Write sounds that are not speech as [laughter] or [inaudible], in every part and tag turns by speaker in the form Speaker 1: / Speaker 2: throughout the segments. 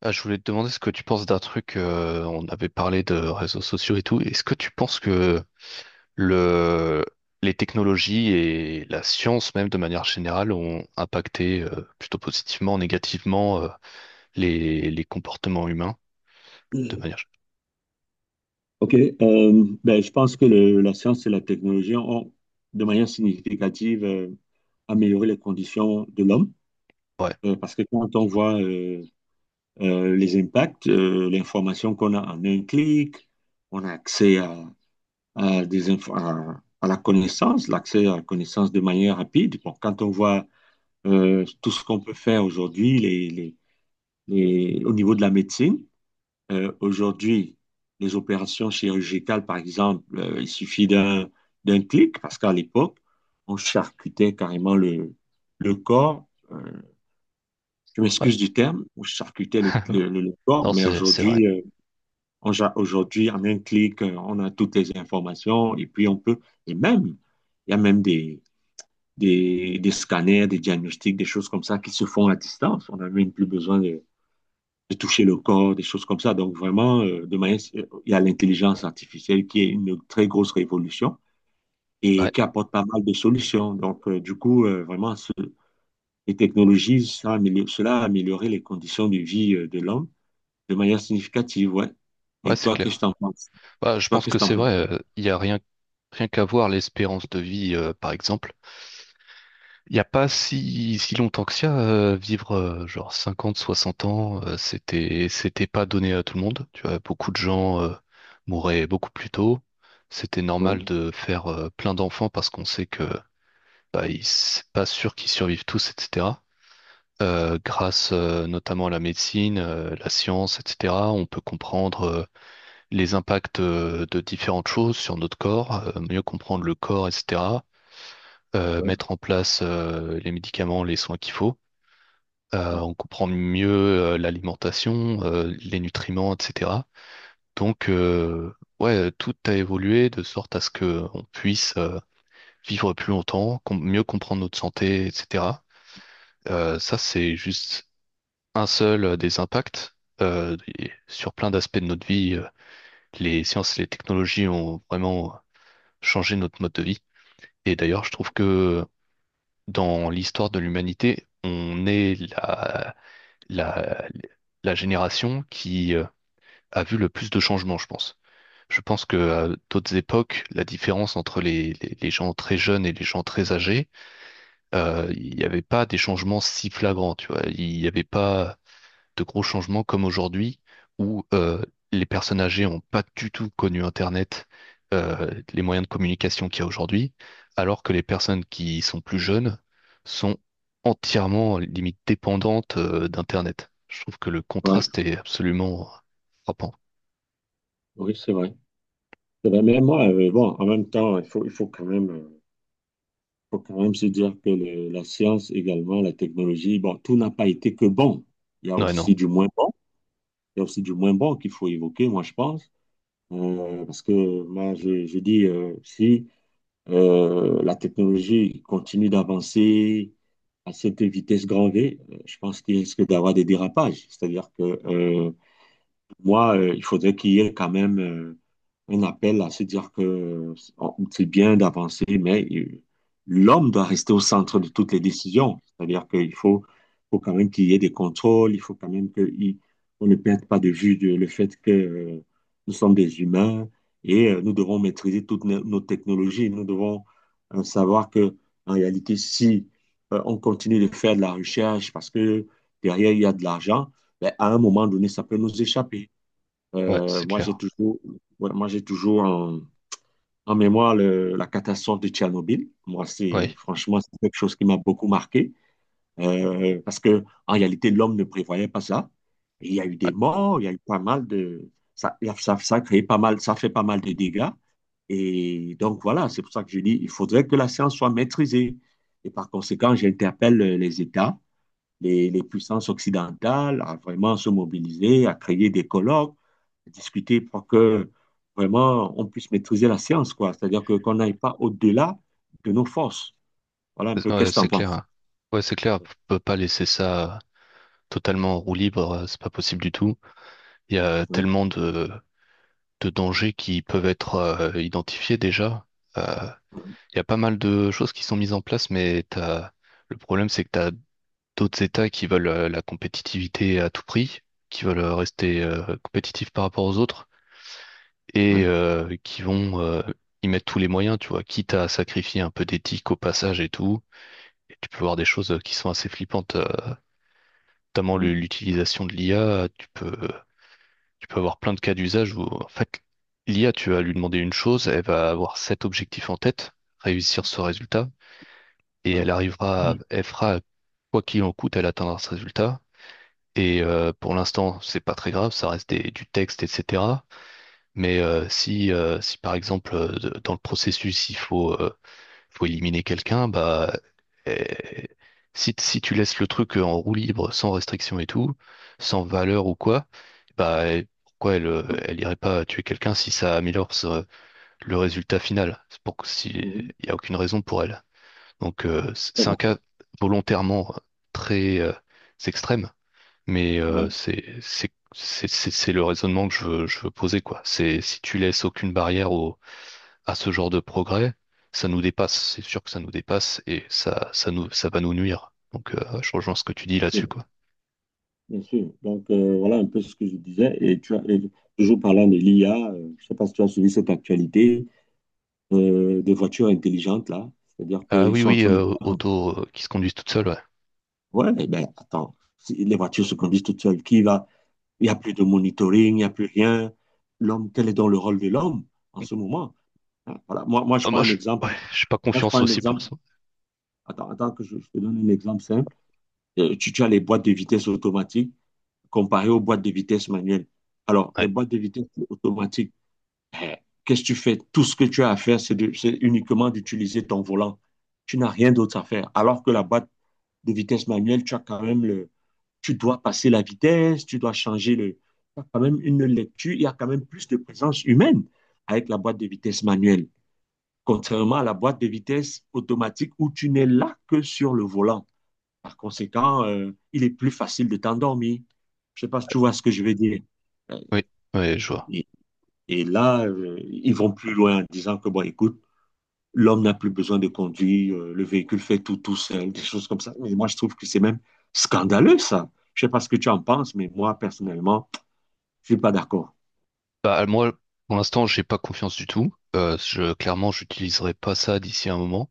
Speaker 1: Ah, je voulais te demander ce que tu penses d'un truc, on avait parlé de réseaux sociaux et tout. Est-ce que tu penses que le, les technologies et la science même de manière générale ont impacté plutôt positivement, négativement, les comportements humains de manière...
Speaker 2: OK. Ben, je pense que la science et la technologie ont, de manière significative, amélioré les conditions de l'homme.
Speaker 1: Ouais,
Speaker 2: Parce que quand on voit les impacts, l'information qu'on a en un clic, on a accès à des à la connaissance, l'accès à la connaissance de manière rapide. Bon, quand on voit tout ce qu'on peut faire aujourd'hui, au niveau de la médecine, aujourd'hui, les opérations chirurgicales, par exemple, il suffit d'un clic, parce qu'à l'époque, on charcutait carrément le corps. euh, je
Speaker 1: ouais.
Speaker 2: m'excuse du terme, on charcutait
Speaker 1: [laughs] Ouais.
Speaker 2: le corps,
Speaker 1: Non,
Speaker 2: mais
Speaker 1: c'est vrai.
Speaker 2: aujourd'hui, on, aujourd'hui, en un clic, on a toutes les informations et puis on peut, et même, il y a même des scanners, des diagnostics, des choses comme ça qui se font à distance. On n'a même plus besoin de toucher le corps, des choses comme ça. Donc vraiment, de manière, il y a l'intelligence artificielle qui est une très grosse révolution et
Speaker 1: Ouais,
Speaker 2: qui apporte pas mal de solutions. Donc du coup, vraiment, les technologies, ça cela a amélioré les conditions de vie de l'homme de manière significative, ouais.
Speaker 1: ouais,
Speaker 2: Et
Speaker 1: c'est
Speaker 2: toi, qu'est-ce que
Speaker 1: clair.
Speaker 2: t'en penses?
Speaker 1: Bah, je
Speaker 2: Toi,
Speaker 1: pense
Speaker 2: qu'est-ce
Speaker 1: que
Speaker 2: que t'en
Speaker 1: c'est
Speaker 2: penses?
Speaker 1: vrai. Il y a rien qu'à voir l'espérance de vie, par exemple. Il n'y a pas si longtemps que ça. Euh, vivre, genre, 50, 60 ans, c'était pas donné à tout le monde. Tu vois, beaucoup de gens mouraient beaucoup plus tôt. C'était normal,
Speaker 2: Ouais,
Speaker 1: mhm, de faire plein d'enfants parce qu'on sait que bah, c'est pas sûr qu'ils survivent tous, etc. Grâce notamment à la médecine, la science, etc., on peut comprendre les impacts de différentes choses sur notre corps, mieux comprendre le corps, etc.,
Speaker 2: ouais,
Speaker 1: mettre en place les médicaments, les soins qu'il faut.
Speaker 2: ouais.
Speaker 1: On comprend mieux l'alimentation, les nutriments, etc. Donc, ouais, tout a évolué de sorte à ce que on puisse vivre plus longtemps, mieux comprendre notre santé, etc. Ça, c'est juste un seul des impacts. Et sur plein d'aspects de notre vie, les sciences et les technologies ont vraiment changé notre mode de vie. Et d'ailleurs, je trouve que dans l'histoire de l'humanité, on est la, la génération qui a vu le plus de changements, je pense. Je pense que à d'autres époques, la différence entre les gens très jeunes et les gens très âgés, il n'y avait pas des changements si flagrants, tu vois. Il n'y avait pas de gros changements comme aujourd'hui, où les personnes âgées n'ont pas du tout connu Internet, les moyens de communication qu'il y a aujourd'hui, alors que les personnes qui sont plus jeunes sont entièrement, limite, dépendantes d'Internet. Je trouve que le
Speaker 2: Ouais,
Speaker 1: contraste est absolument frappant.
Speaker 2: oui, c'est vrai. C'est vrai. Mais moi, bon, en même temps, il faut quand même se dire que la science également, la technologie, bon, tout n'a pas été que bon. Il y a
Speaker 1: Ouais, non.
Speaker 2: aussi du moins bon. Il y a aussi du moins bon qu'il faut évoquer, moi, je pense. Parce que moi, je dis, si la technologie continue d'avancer à cette vitesse grand V, je pense qu'il risque d'avoir des dérapages. C'est-à-dire que moi, il faudrait qu'il y ait quand même un appel à se dire que c'est bien d'avancer, mais l'homme doit rester au centre de toutes les décisions. C'est-à-dire faut quand même qu'il y ait des contrôles, il faut quand même qu'on ne perde pas de vue le fait que nous sommes des humains et nous devons maîtriser toutes nos technologies. Nous devons savoir que, en réalité, si on continue de faire de la recherche parce que derrière il y a de l'argent, ben, à un moment donné, ça peut nous échapper.
Speaker 1: Ouais,
Speaker 2: Euh,
Speaker 1: c'est
Speaker 2: moi, j'ai
Speaker 1: clair.
Speaker 2: toujours, ouais, moi, j'ai toujours en mémoire la catastrophe de Tchernobyl. Moi, c'est
Speaker 1: Ouais,
Speaker 2: franchement c'est quelque chose qui m'a beaucoup marqué parce que en réalité, l'homme ne prévoyait pas ça. Et il y a eu des morts, il y a eu pas mal de ça, ça, ça a créé pas mal, ça fait pas mal de dégâts. Et donc voilà, c'est pour ça que je dis, il faudrait que la science soit maîtrisée. Et par conséquent, j'interpelle les États les puissances occidentales à vraiment se mobiliser, à créer des colloques, à discuter pour que vraiment on puisse maîtriser la science, quoi. C'est-à-dire que qu'on n'aille pas au-delà de nos forces. Voilà un
Speaker 1: ouais,
Speaker 2: peu,
Speaker 1: ouais,
Speaker 2: qu'est-ce que tu en
Speaker 1: c'est clair,
Speaker 2: penses?
Speaker 1: hein. Ouais, c'est clair. On peut pas laisser ça totalement en roue libre. C'est pas possible du tout. Il y a
Speaker 2: Ouais,
Speaker 1: tellement de dangers qui peuvent être identifiés déjà. Euh, il y a pas mal de choses qui sont mises en place, mais le problème, c'est que t'as d'autres États qui veulent la compétitivité à tout prix, qui veulent rester compétitifs par rapport aux autres
Speaker 2: ouais,
Speaker 1: et qui vont y mettre tous les moyens, tu vois, quitte à sacrifier un peu d'éthique au passage et tout. Et tu peux voir des choses qui sont assez flippantes, notamment
Speaker 2: ouais,
Speaker 1: l'utilisation de l'IA. Tu peux avoir plein de cas d'usage où, en fait, l'IA, tu vas lui demander une chose, elle va avoir cet objectif en tête, réussir ce résultat, et
Speaker 2: ouais.
Speaker 1: elle fera, quoi qu'il en coûte, elle atteindra ce résultat. Et pour l'instant, c'est pas très grave, ça reste du texte, etc. Mais si par exemple, dans le processus, faut éliminer quelqu'un, bah, euh, si, si tu laisses le truc en roue libre, sans restriction et tout, sans valeur ou quoi, bah, pourquoi elle irait pas tuer quelqu'un si ça améliore le résultat final? C'est pour que si,
Speaker 2: Mhm.
Speaker 1: il y a aucune raison pour elle. Donc,
Speaker 2: C'est
Speaker 1: c'est un
Speaker 2: bon.
Speaker 1: cas volontairement très extrême, mais
Speaker 2: Ouais,
Speaker 1: c'est le raisonnement que je veux poser, quoi. C'est si tu laisses aucune barrière au à ce genre de progrès, ça nous dépasse. C'est sûr que ça nous dépasse et ça va nous nuire. Donc, je rejoins ce que tu dis là-dessus,
Speaker 2: bien
Speaker 1: quoi.
Speaker 2: bien sûr. Donc voilà un peu ce que je disais. Et tu as, et toujours parlant de l'IA, je ne sais pas si tu as suivi cette actualité des voitures intelligentes là. C'est-à-dire
Speaker 1: Ah
Speaker 2: qu'ils
Speaker 1: oui,
Speaker 2: sont en
Speaker 1: oui,
Speaker 2: train de
Speaker 1: auto qui se conduisent toutes seules, ouais.
Speaker 2: Ouais, eh ben attends, si les voitures se conduisent toutes seules, qui va? Il n'y a plus de monitoring, il n'y a plus rien. L'homme, quel est donc le rôle de l'homme en ce moment? Hein, voilà. Moi, je
Speaker 1: Ah,
Speaker 2: prends un exemple.
Speaker 1: ouais, j'ai pas
Speaker 2: Moi, je prends
Speaker 1: confiance
Speaker 2: un
Speaker 1: aussi pour
Speaker 2: exemple.
Speaker 1: l'instant.
Speaker 2: Attends, que je te donne un exemple simple. Tu, tu as les boîtes de vitesse automatiques comparées aux boîtes de vitesse manuelles. Alors, les
Speaker 1: Ouais,
Speaker 2: boîtes de vitesse automatiques, eh, qu'est-ce que tu fais? Tout ce que tu as à faire, c'est uniquement d'utiliser ton volant. Tu n'as rien d'autre à faire. Alors que la boîte de vitesse manuelle, tu as quand même le, tu dois passer la vitesse, tu dois changer le, tu as quand même une lecture, il y a quand même plus de présence humaine avec la boîte de vitesse manuelle, contrairement à la boîte de vitesse automatique où tu n'es là que sur le volant. Par conséquent, il est plus facile de t'endormir. Je sais pas si tu vois ce que je veux dire. Euh,
Speaker 1: oui, ouais, je vois.
Speaker 2: Et, et là, ils vont plus loin en disant que, bon, écoute, l'homme n'a plus besoin de conduire, le véhicule fait tout tout seul, des choses comme ça. Mais moi, je trouve que c'est même scandaleux, ça. Je ne sais pas ce que tu en penses, mais moi, personnellement, je ne suis pas d'accord.
Speaker 1: Bah, moi, pour l'instant, j'ai pas confiance du tout. Je, clairement, j'utiliserai pas ça d'ici un moment.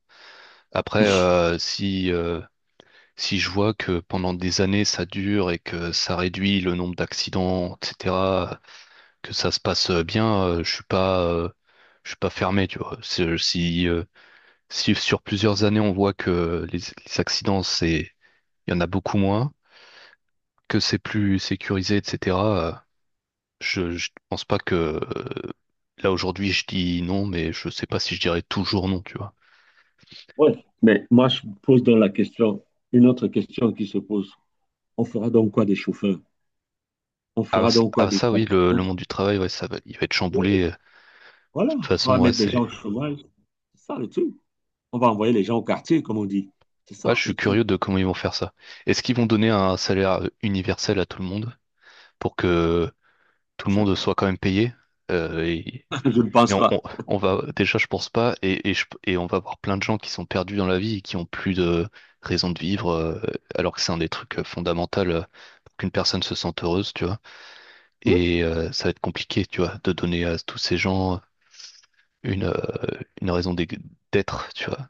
Speaker 1: Après,
Speaker 2: [laughs]
Speaker 1: si, si je vois que pendant des années ça dure et que ça réduit le nombre d'accidents, etc., que ça se passe bien, je suis pas fermé, tu vois. Si, si sur plusieurs années on voit que les accidents, c'est, il y en a beaucoup moins, que c'est plus sécurisé, etc. euh, je pense pas que là aujourd'hui je dis non, mais je sais pas si je dirais toujours non, tu vois.
Speaker 2: Ouais. Mais moi, je pose donc la question, une autre question qui se pose. On fera donc quoi des chauffeurs? On
Speaker 1: Ah,
Speaker 2: fera donc quoi des
Speaker 1: ça oui,
Speaker 2: taxis.
Speaker 1: le monde du travail, ouais, ça va, il va être chamboulé. De
Speaker 2: Voilà,
Speaker 1: toute
Speaker 2: on
Speaker 1: façon,
Speaker 2: va
Speaker 1: ouais,
Speaker 2: mettre les
Speaker 1: c'est,
Speaker 2: gens au chômage. C'est ça le truc. On va envoyer les gens au quartier, comme on dit. C'est ça
Speaker 1: ouais, je
Speaker 2: le
Speaker 1: suis
Speaker 2: truc.
Speaker 1: curieux de comment ils vont faire ça. Est-ce qu'ils vont donner un salaire universel à tout le monde pour que tout le
Speaker 2: Je ne sais
Speaker 1: monde
Speaker 2: pas.
Speaker 1: soit quand même payé. Euh, et,
Speaker 2: [laughs] Je ne
Speaker 1: et
Speaker 2: pense
Speaker 1: on, on-
Speaker 2: pas.
Speaker 1: on va déjà, je pense pas, et on va avoir plein de gens qui sont perdus dans la vie et qui ont plus de raison de vivre, alors que c'est un des trucs fondamentaux pour qu'une personne se sente heureuse, tu vois. Et ça va être compliqué, tu vois, de donner à tous ces gens une, euh, une raison d'être, tu vois.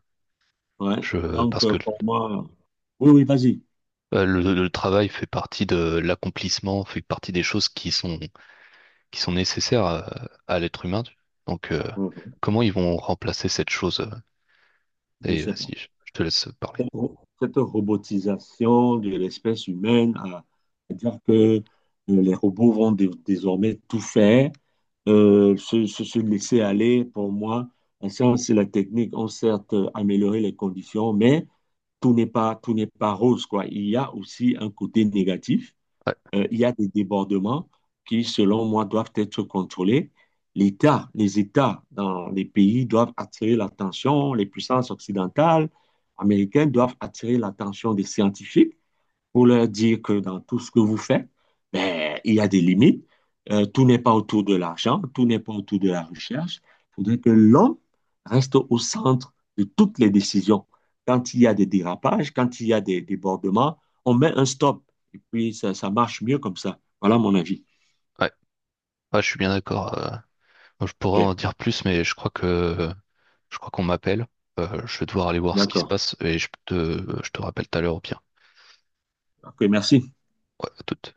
Speaker 2: Ouais.
Speaker 1: Je,
Speaker 2: Donc,
Speaker 1: parce que
Speaker 2: pour moi, oui, oui, vas-y.
Speaker 1: le travail fait partie de l'accomplissement, fait partie des choses qui sont nécessaires à l'être humain. Donc,
Speaker 2: Ouais, ouais.
Speaker 1: comment ils vont remplacer cette chose?
Speaker 2: Je ne
Speaker 1: Et
Speaker 2: sais pas.
Speaker 1: vas-y, je te laisse parler.
Speaker 2: Cette cette robotisation de l'espèce humaine à dire que les robots vont désormais tout faire, se laisser aller, pour moi, la science et la technique ont certes amélioré les conditions, mais tout n'est pas rose, quoi. Il y a aussi un côté négatif
Speaker 1: Ouais,
Speaker 2: il y a des débordements qui, selon moi, doivent être contrôlés. Les États dans les pays doivent attirer l'attention, les puissances occidentales, américaines doivent attirer l'attention des scientifiques pour leur dire que dans tout ce que vous faites, ben, il y a des limites. Tout n'est pas autour de l'argent, tout n'est pas autour de la recherche. Il faudrait que l'homme reste au centre de toutes les décisions. Quand il y a des dérapages, quand il y a des débordements, on met un stop. Et puis, ça marche mieux comme ça. Voilà mon avis.
Speaker 1: ouais, ouais, je suis bien d'accord. Moi, je
Speaker 2: OK,
Speaker 1: pourrais en dire plus, mais je crois qu'on m'appelle. Je vais devoir aller voir ce qui se
Speaker 2: d'accord.
Speaker 1: passe et je te rappelle tout à l'heure au pire.
Speaker 2: OK, merci.
Speaker 1: Ouais, à toute.